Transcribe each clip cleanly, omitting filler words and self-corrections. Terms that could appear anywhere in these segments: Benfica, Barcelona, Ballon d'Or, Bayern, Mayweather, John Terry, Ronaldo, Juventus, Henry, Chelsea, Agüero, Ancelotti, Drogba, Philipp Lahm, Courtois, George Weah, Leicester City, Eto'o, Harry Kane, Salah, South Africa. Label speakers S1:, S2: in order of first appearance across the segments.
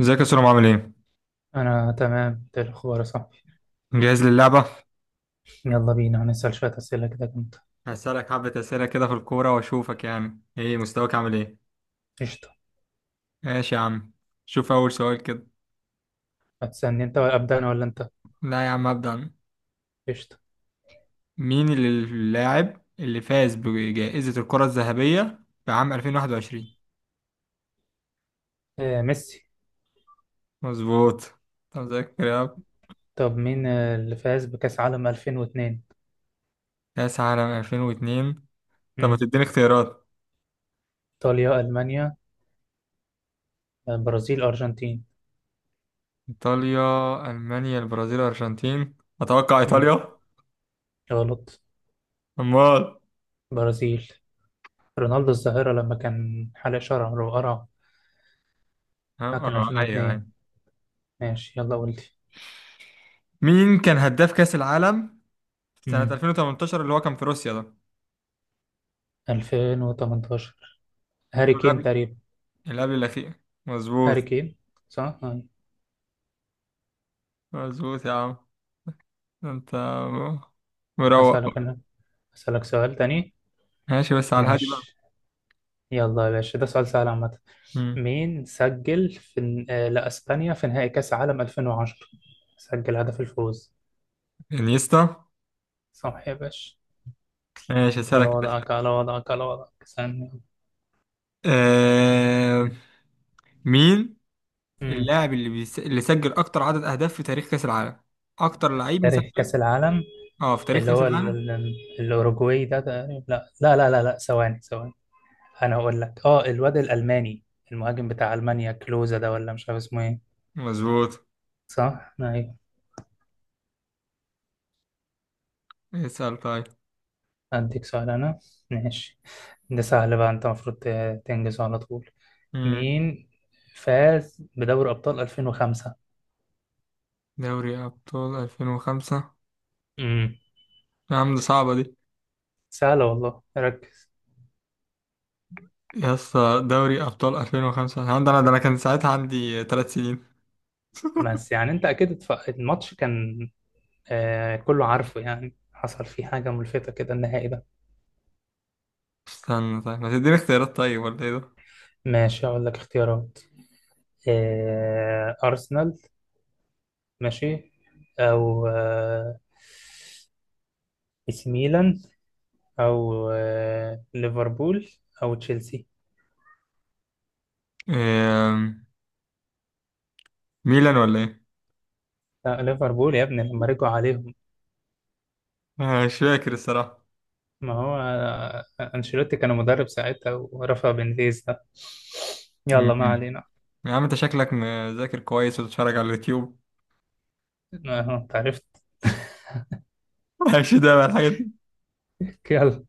S1: ازيك يا سلام؟ عامل ايه؟
S2: أنا تمام، ده الأخبار يا صاحبي.
S1: جاهز للعبة؟
S2: يلا بينا، هنسأل شوية أسئلة كده جامدة.
S1: هسألك حبة أسئلة كده في الكورة وأشوفك يعني ايه مستواك، عامل ايه؟
S2: قشطة.
S1: ماشي يا عم. شوف أول سؤال كده.
S2: هتسألني أنت ولا أبدأ أنا ولا أنت؟
S1: لا يا عم، أبدأ أنا.
S2: قشطة.
S1: مين اللاعب اللي فاز بجائزة الكرة الذهبية في عام 2021؟
S2: آه، ميسي.
S1: مظبوط. طب مذاكر يا عم.
S2: طب مين اللي فاز بكأس عالم 2002؟
S1: كأس عالم 2002. طب ما
S2: مم.
S1: تديني اختيارات؟
S2: إيطاليا، ألمانيا، برازيل، أرجنتين؟
S1: إيطاليا، ألمانيا، البرازيل، الأرجنتين. أتوقع
S2: مم.
S1: إيطاليا.
S2: غلط.
S1: أمال؟
S2: برازيل. رونالدو الظاهرة لما كان حلق شعره وقرع.
S1: اه
S2: ده كان
S1: أيوه
S2: 2002.
S1: أيوه.
S2: ماشي، يلا قول لي.
S1: مين كان هداف كأس العالم سنة
S2: مم.
S1: 2018 اللي هو كان في روسيا ده؟
S2: 2018،
S1: اللي
S2: هاري
S1: هو
S2: كين
S1: قبل،
S2: تقريبا.
S1: اللي قبل الأخير. مظبوط.
S2: هاري كين، صح؟ آه.
S1: مظبوط يا عم. أنت مروق.
S2: أسألك أنا. أسألك سؤال تاني.
S1: ماشي بس على الهادي بقى.
S2: ماشي. يلا يا باشا، ده سؤال سهل عامة.
S1: مم.
S2: مين سجل في لأسبانيا في نهائي كأس عالم 2010؟ سجل هدف الفوز.
S1: انيستا.
S2: صح يا باشا.
S1: ماشي،
S2: على
S1: أسألك يا باشا.
S2: وضعك، على وضعك، على وضعك ثانية.
S1: آه... مين
S2: امم
S1: اللاعب اللي اللي سجل أكتر عدد أهداف في تاريخ كأس العالم؟ أكتر لعيب
S2: تاريخ كأس
S1: مسجل.
S2: العالم.
S1: أه، في تاريخ
S2: اللي
S1: كأس
S2: هو ال...
S1: العالم.
S2: ال... الأوروجواي ده تقريبا. لا لا لا لا لا، ثواني ثواني. أنا أقول لك الواد الألماني، المهاجم بتاع ألمانيا، كلوزا ده، ولا مش عارف اسمه إيه.
S1: مظبوط.
S2: صح؟ أيوه.
S1: اسأل طيب.
S2: أديك سؤال أنا. ماشي. ده سهل بقى، أنت المفروض تنجزه على طول.
S1: مم.
S2: مين فاز بدوري أبطال 2005؟
S1: دوري أبطال 2005؟
S2: امم
S1: يا عم دي صعبة دي.
S2: سهلة والله، ركز.
S1: يا اسطى، دوري ابطال 2005، الحمد لله ده انا كان ساعتها عندي ثلاث سنين.
S2: بس يعني أنت أكيد الماتش كان، كله عارفه يعني، حصل فيه حاجة ملفتة كده النهائي ده.
S1: استنى، طيب ما تديني اختيارات طيب ولا ايه ده؟
S2: ماشي، أقول لك اختيارات. أرسنال. ماشي. أو إيسي ميلان. أو ليفربول. أو تشيلسي.
S1: إيه... ميلان ولا ايه؟
S2: لا، ليفربول يا ابني لما رجعوا عليهم.
S1: مش فاكر الصراحة.
S2: ما هو أنشيلوتي كان مدرب ساعتها ورفع بنفيز ده. يلا، ما
S1: م-م.
S2: علينا.
S1: يا عم انت شكلك مذاكر كويس وتتفرج على اليوتيوب.
S2: أهو، أنت عرفت.
S1: ماشي، ده بقى الحاجات دي.
S2: يلا.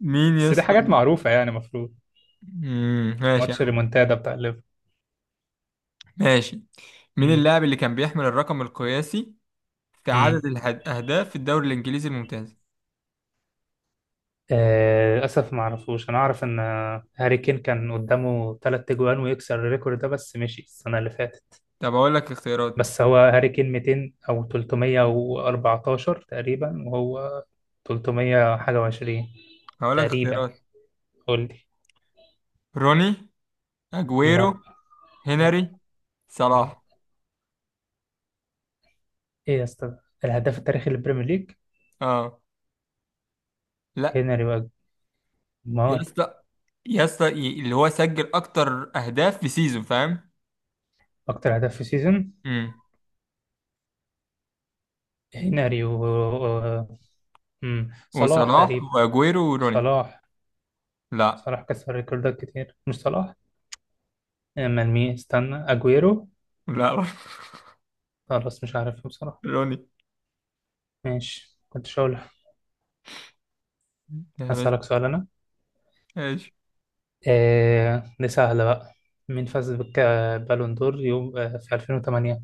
S1: مين يا
S2: بس دي
S1: اسطى؟
S2: حاجات معروفة يعني المفروض.
S1: م-م. ماشي يا
S2: ماتش
S1: عم.
S2: الريمونتادا بتاع ليفربول.
S1: ماشي. مين
S2: امم
S1: اللاعب اللي كان بيحمل الرقم القياسي في
S2: امم
S1: عدد الاهداف في الدوري الانجليزي الممتاز؟
S2: للأسف ما أعرفوش. أنا أعرف إن هاري كين كان قدامه 3 تجوان ويكسر الريكورد ده، بس مشي السنة اللي فاتت.
S1: طب اقول لك اختيارات.
S2: بس هو هاري كين 200 أو 314 تقريبا، وهو 300 حاجة وعشرين
S1: هقول لك
S2: تقريبا.
S1: اختيارات.
S2: قول لي.
S1: روني، اجويرو،
S2: لا، لا،
S1: هنري،
S2: لا.
S1: صلاح.
S2: ايه يا اسطى، الهداف التاريخي للبريمير ليج؟
S1: اه. لا.
S2: هنري
S1: يا
S2: وجمال.
S1: اسطى، يا اسطى، اللي هو سجل اكتر اهداف في سيزون، فاهم؟
S2: اكتر هداف في السيزون.
S1: امم.
S2: هنري و و- صلاح
S1: وصلاح
S2: تقريبا.
S1: واجويرو وروني.
S2: صلاح.
S1: لا.
S2: صلاح كسر ريكوردات كتير، مش صلاح. امال مين؟ استنى، اجويرو؟
S1: لا.
S2: خلاص مش عارف بصراحة.
S1: روني.
S2: ماشي، كنت شاول. اسالك سؤال انا.
S1: ايش؟
S2: دي سهلة بقى. مين فاز بالون دور يوم في 2008؟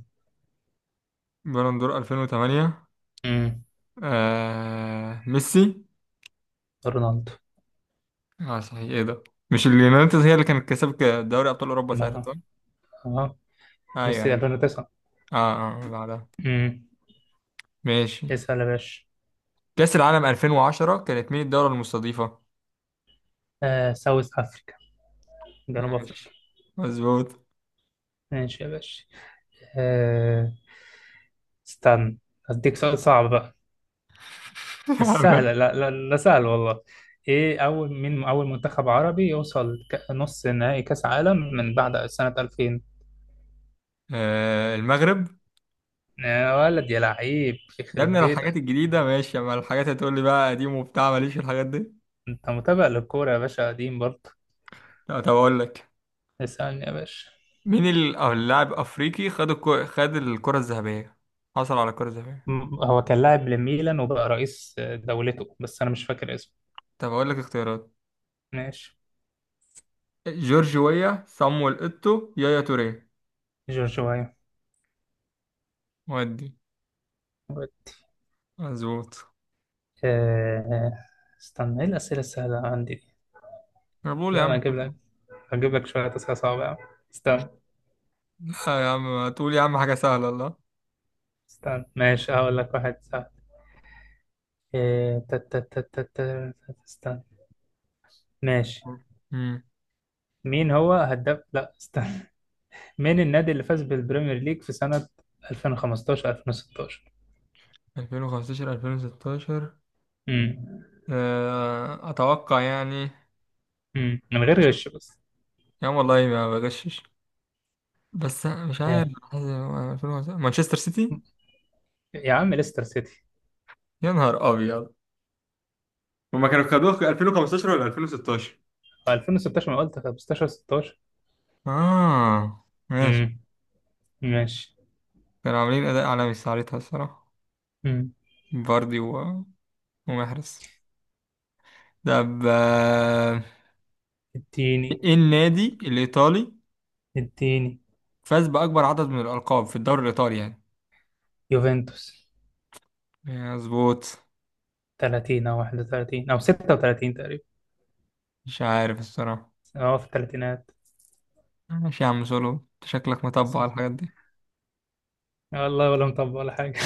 S1: بالون دور 2008؟
S2: امم
S1: ميسي.
S2: رونالدو.
S1: اه صحيح، ايه ده؟ مش اليونايتد هي اللي كانت كسبت دوري ابطال اوروبا ساعتها،
S2: مع.
S1: صح؟
S2: اه.
S1: ايوه
S2: ميسي
S1: ايوه.
S2: 2009.
S1: اه. اه بعدها.
S2: امم
S1: ماشي.
S2: اسال يا باشا.
S1: كأس العالم 2010 كانت مين الدولة المستضيفة؟
S2: ساوث افريقيا، جنوب أفريقيا.
S1: ماشي. مظبوط.
S2: ماشي يا باشا. آه، استنى، أديك سؤال صعب بقى. بس سهلة، لا، لا، لا سهل والله. إيه أول مين أول منتخب عربي يوصل نص نهائي كأس عالم من بعد سنة 2000؟
S1: المغرب.
S2: يا ولد يا لعيب،
S1: يا ابني،
S2: يخرب
S1: لو الحاجات
S2: بيتك.
S1: الجديدة ماشي، اما الحاجات هتقول لي بقى قديم وبتاع، ماليش في الحاجات دي.
S2: أنت متابع للكورة يا باشا، قديم برضه.
S1: لا، طب اقول لك.
S2: اسألني يا باشا.
S1: مين ال- أو اللاعب افريقي خد الكرة الذهبية، حصل على الكرة الذهبية؟
S2: هو كان لاعب لميلان وبقى رئيس دولته، بس أنا مش فاكر اسمه.
S1: طب اقول لك اختيارات.
S2: ماشي.
S1: جورج ويا، صامويل ايتو، يايا توريه.
S2: جورج وايو.
S1: ودي. مظبوط.
S2: آه، استنى، إيه الأسئلة السهلة عندي.
S1: انا بقول يا
S2: لا، انا
S1: عم
S2: هجيب لك.
S1: كده.
S2: هجيب لك شويه اسئله صعبه يا عم. استنى،
S1: لا يا عم، تقول يا عم حاجة سهلة، الله.
S2: استنى. ماشي، هقول لك واحد سهل. إيه، تا- تا- تا- تا- تا- استنى. ماشي.
S1: امم.
S2: مين هو هداف، لا، استنى. مين النادي اللي فاز بالبريمير ليج في سنه 2015 2016؟
S1: 2015 2016؟
S2: امم
S1: اتوقع يعني.
S2: من غير غش بس.
S1: يا عم والله ما بغشش، بس مش عارف
S2: ايه
S1: 2005 مانشستر سيتي.
S2: يا عم، ليستر سيتي.
S1: يا نهار ابيض. هما كانوا خدوه في 2015 ولا 2016؟
S2: هو 2016، ما قلت 15 16.
S1: اه، ماشي.
S2: امم ماشي.
S1: كانوا عاملين اداء عالمي ساعتها الصراحه.
S2: امم
S1: فاردي ومحرز. طب
S2: اديني،
S1: ايه النادي الايطالي
S2: اديني.
S1: فاز باكبر عدد من الالقاب في الدوري الايطالي يعني؟
S2: يوفنتوس.
S1: مظبوط.
S2: 30 او 31 او 36 تقريبا.
S1: مش عارف الصراحه.
S2: اه في الثلاثينات.
S1: ماشي يا عم سولو، انت شكلك متبع على
S2: آه،
S1: الحاجات دي.
S2: والله ولا مطبق ولا حاجة.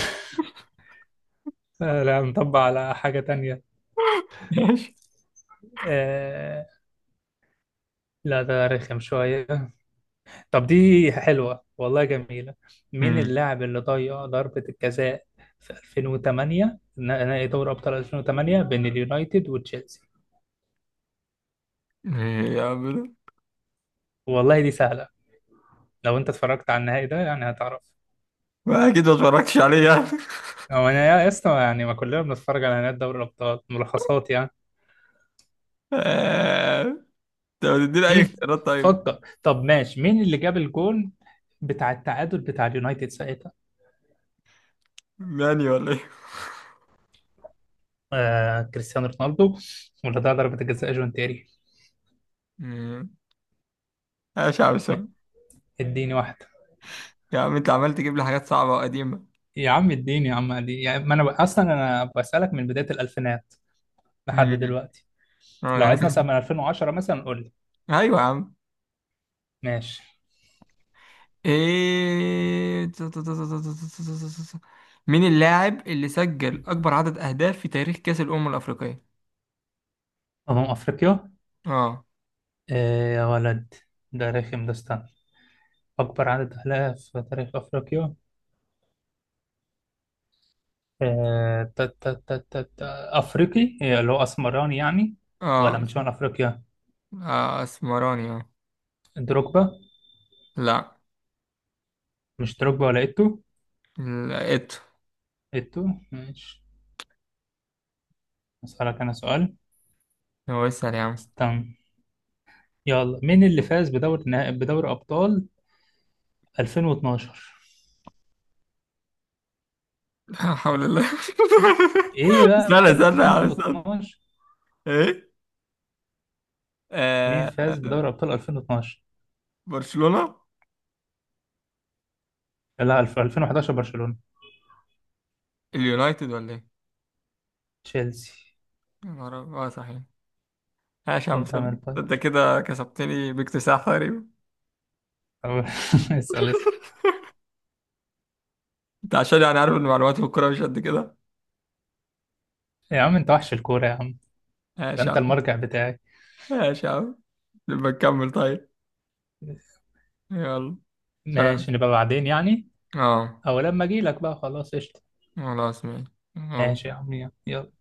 S2: لا، مطبق على حاجة تانية.
S1: ماشي.
S2: آه. لا، ده رخم شوية. طب دي حلوة والله، جميلة. مين
S1: امم.
S2: اللاعب اللي ضيع ضربة الجزاء في 2008، نهائي دوري أبطال 2008 بين اليونايتد وتشيلسي؟
S1: ايه يا عم ده؟
S2: والله دي سهلة. لو أنت اتفرجت على النهائي ده يعني هتعرف.
S1: ما اكيد ما اتفرجتش عليه يعني.
S2: هو أنا يا اسطى يعني، ما كلنا بنتفرج على نهائي دوري الأبطال ملخصات يعني.
S1: طب تديني اي
S2: مم.
S1: اختيارات طيب؟
S2: فكر. طب ماشي، مين اللي جاب الجون بتاع التعادل بتاع اليونايتد ساعتها؟
S1: ماني ولا ايه؟
S2: كريستيانو رونالدو. ولا ده ضربة الجزاء، جون تيري.
S1: مم. ماشي يا عم سام.
S2: اديني واحدة.
S1: يا عم انت عمال تجيب لي حاجات صعبة وقديمة.
S2: يا عم اديني يا عم علي، يعني ما انا اصلا انا بسألك من بداية الالفينات لحد
S1: مم.
S2: دلوقتي.
S1: اه
S2: لو
S1: يعني
S2: عايز نسأل
S1: تاخد-
S2: من 2010 مثلا قول لي.
S1: ايوه يا عم.
S2: ماشي.
S1: ايه؟ مين اللاعب اللي سجل اكبر عدد اهداف في تاريخ كأس الامم الافريقية؟
S2: أمم أفريقيا.
S1: اه.
S2: آه يا ولد، ده رخم، ده استنى. أكبر عدد أهداف في تاريخ أفريقيا. آه تا تا تا تا تا أفريقي، اللي هو أسمراني يعني، ولا
S1: اه.
S2: من شمال أفريقيا؟
S1: اه، اسمراني، اه.
S2: دروجبا.
S1: لا.
S2: مش دروجبا ولا إيتو؟
S1: لقيته.
S2: إيتو. ماشي، أسألك أنا سؤال.
S1: هو اسأل يا عم.
S2: استنى. يلا، مين اللي فاز بدوري ابطال 2012؟
S1: لا حول الله.
S2: ايه بقى
S1: استنى استنى يا عم استنى.
S2: 2012؟
S1: ايه؟
S2: مين
S1: آه
S2: فاز
S1: آه،
S2: بدوري ابطال 2012؟
S1: برشلونة.
S2: لا، 2011 برشلونة.
S1: اليونايتد ولا ايه؟
S2: تشيلسي.
S1: يا نهار أبيض. اه صحيح. ماشي يا عم
S2: انت
S1: سلمى،
S2: مال
S1: انت
S2: باير
S1: كده كسبتني باكتساح تقريبا.
S2: أو- اسال، اسال.
S1: انت عشان يعني عارف ان معلومات في الكورة مش قد كده.
S2: يا عم انت وحش الكورة يا عم. ده
S1: ماشي يا
S2: انت
S1: عم.
S2: المرجع بتاعي.
S1: ماشي يا عم. نبقى نكمل طيب. يلا. سلام.
S2: ماشي، نبقى بعدين يعني.
S1: اه.
S2: او لما اجي لك بقى، خلاص قشطة.
S1: خلاص، ماشي. يلا.
S2: ماشي يا عم، يلا.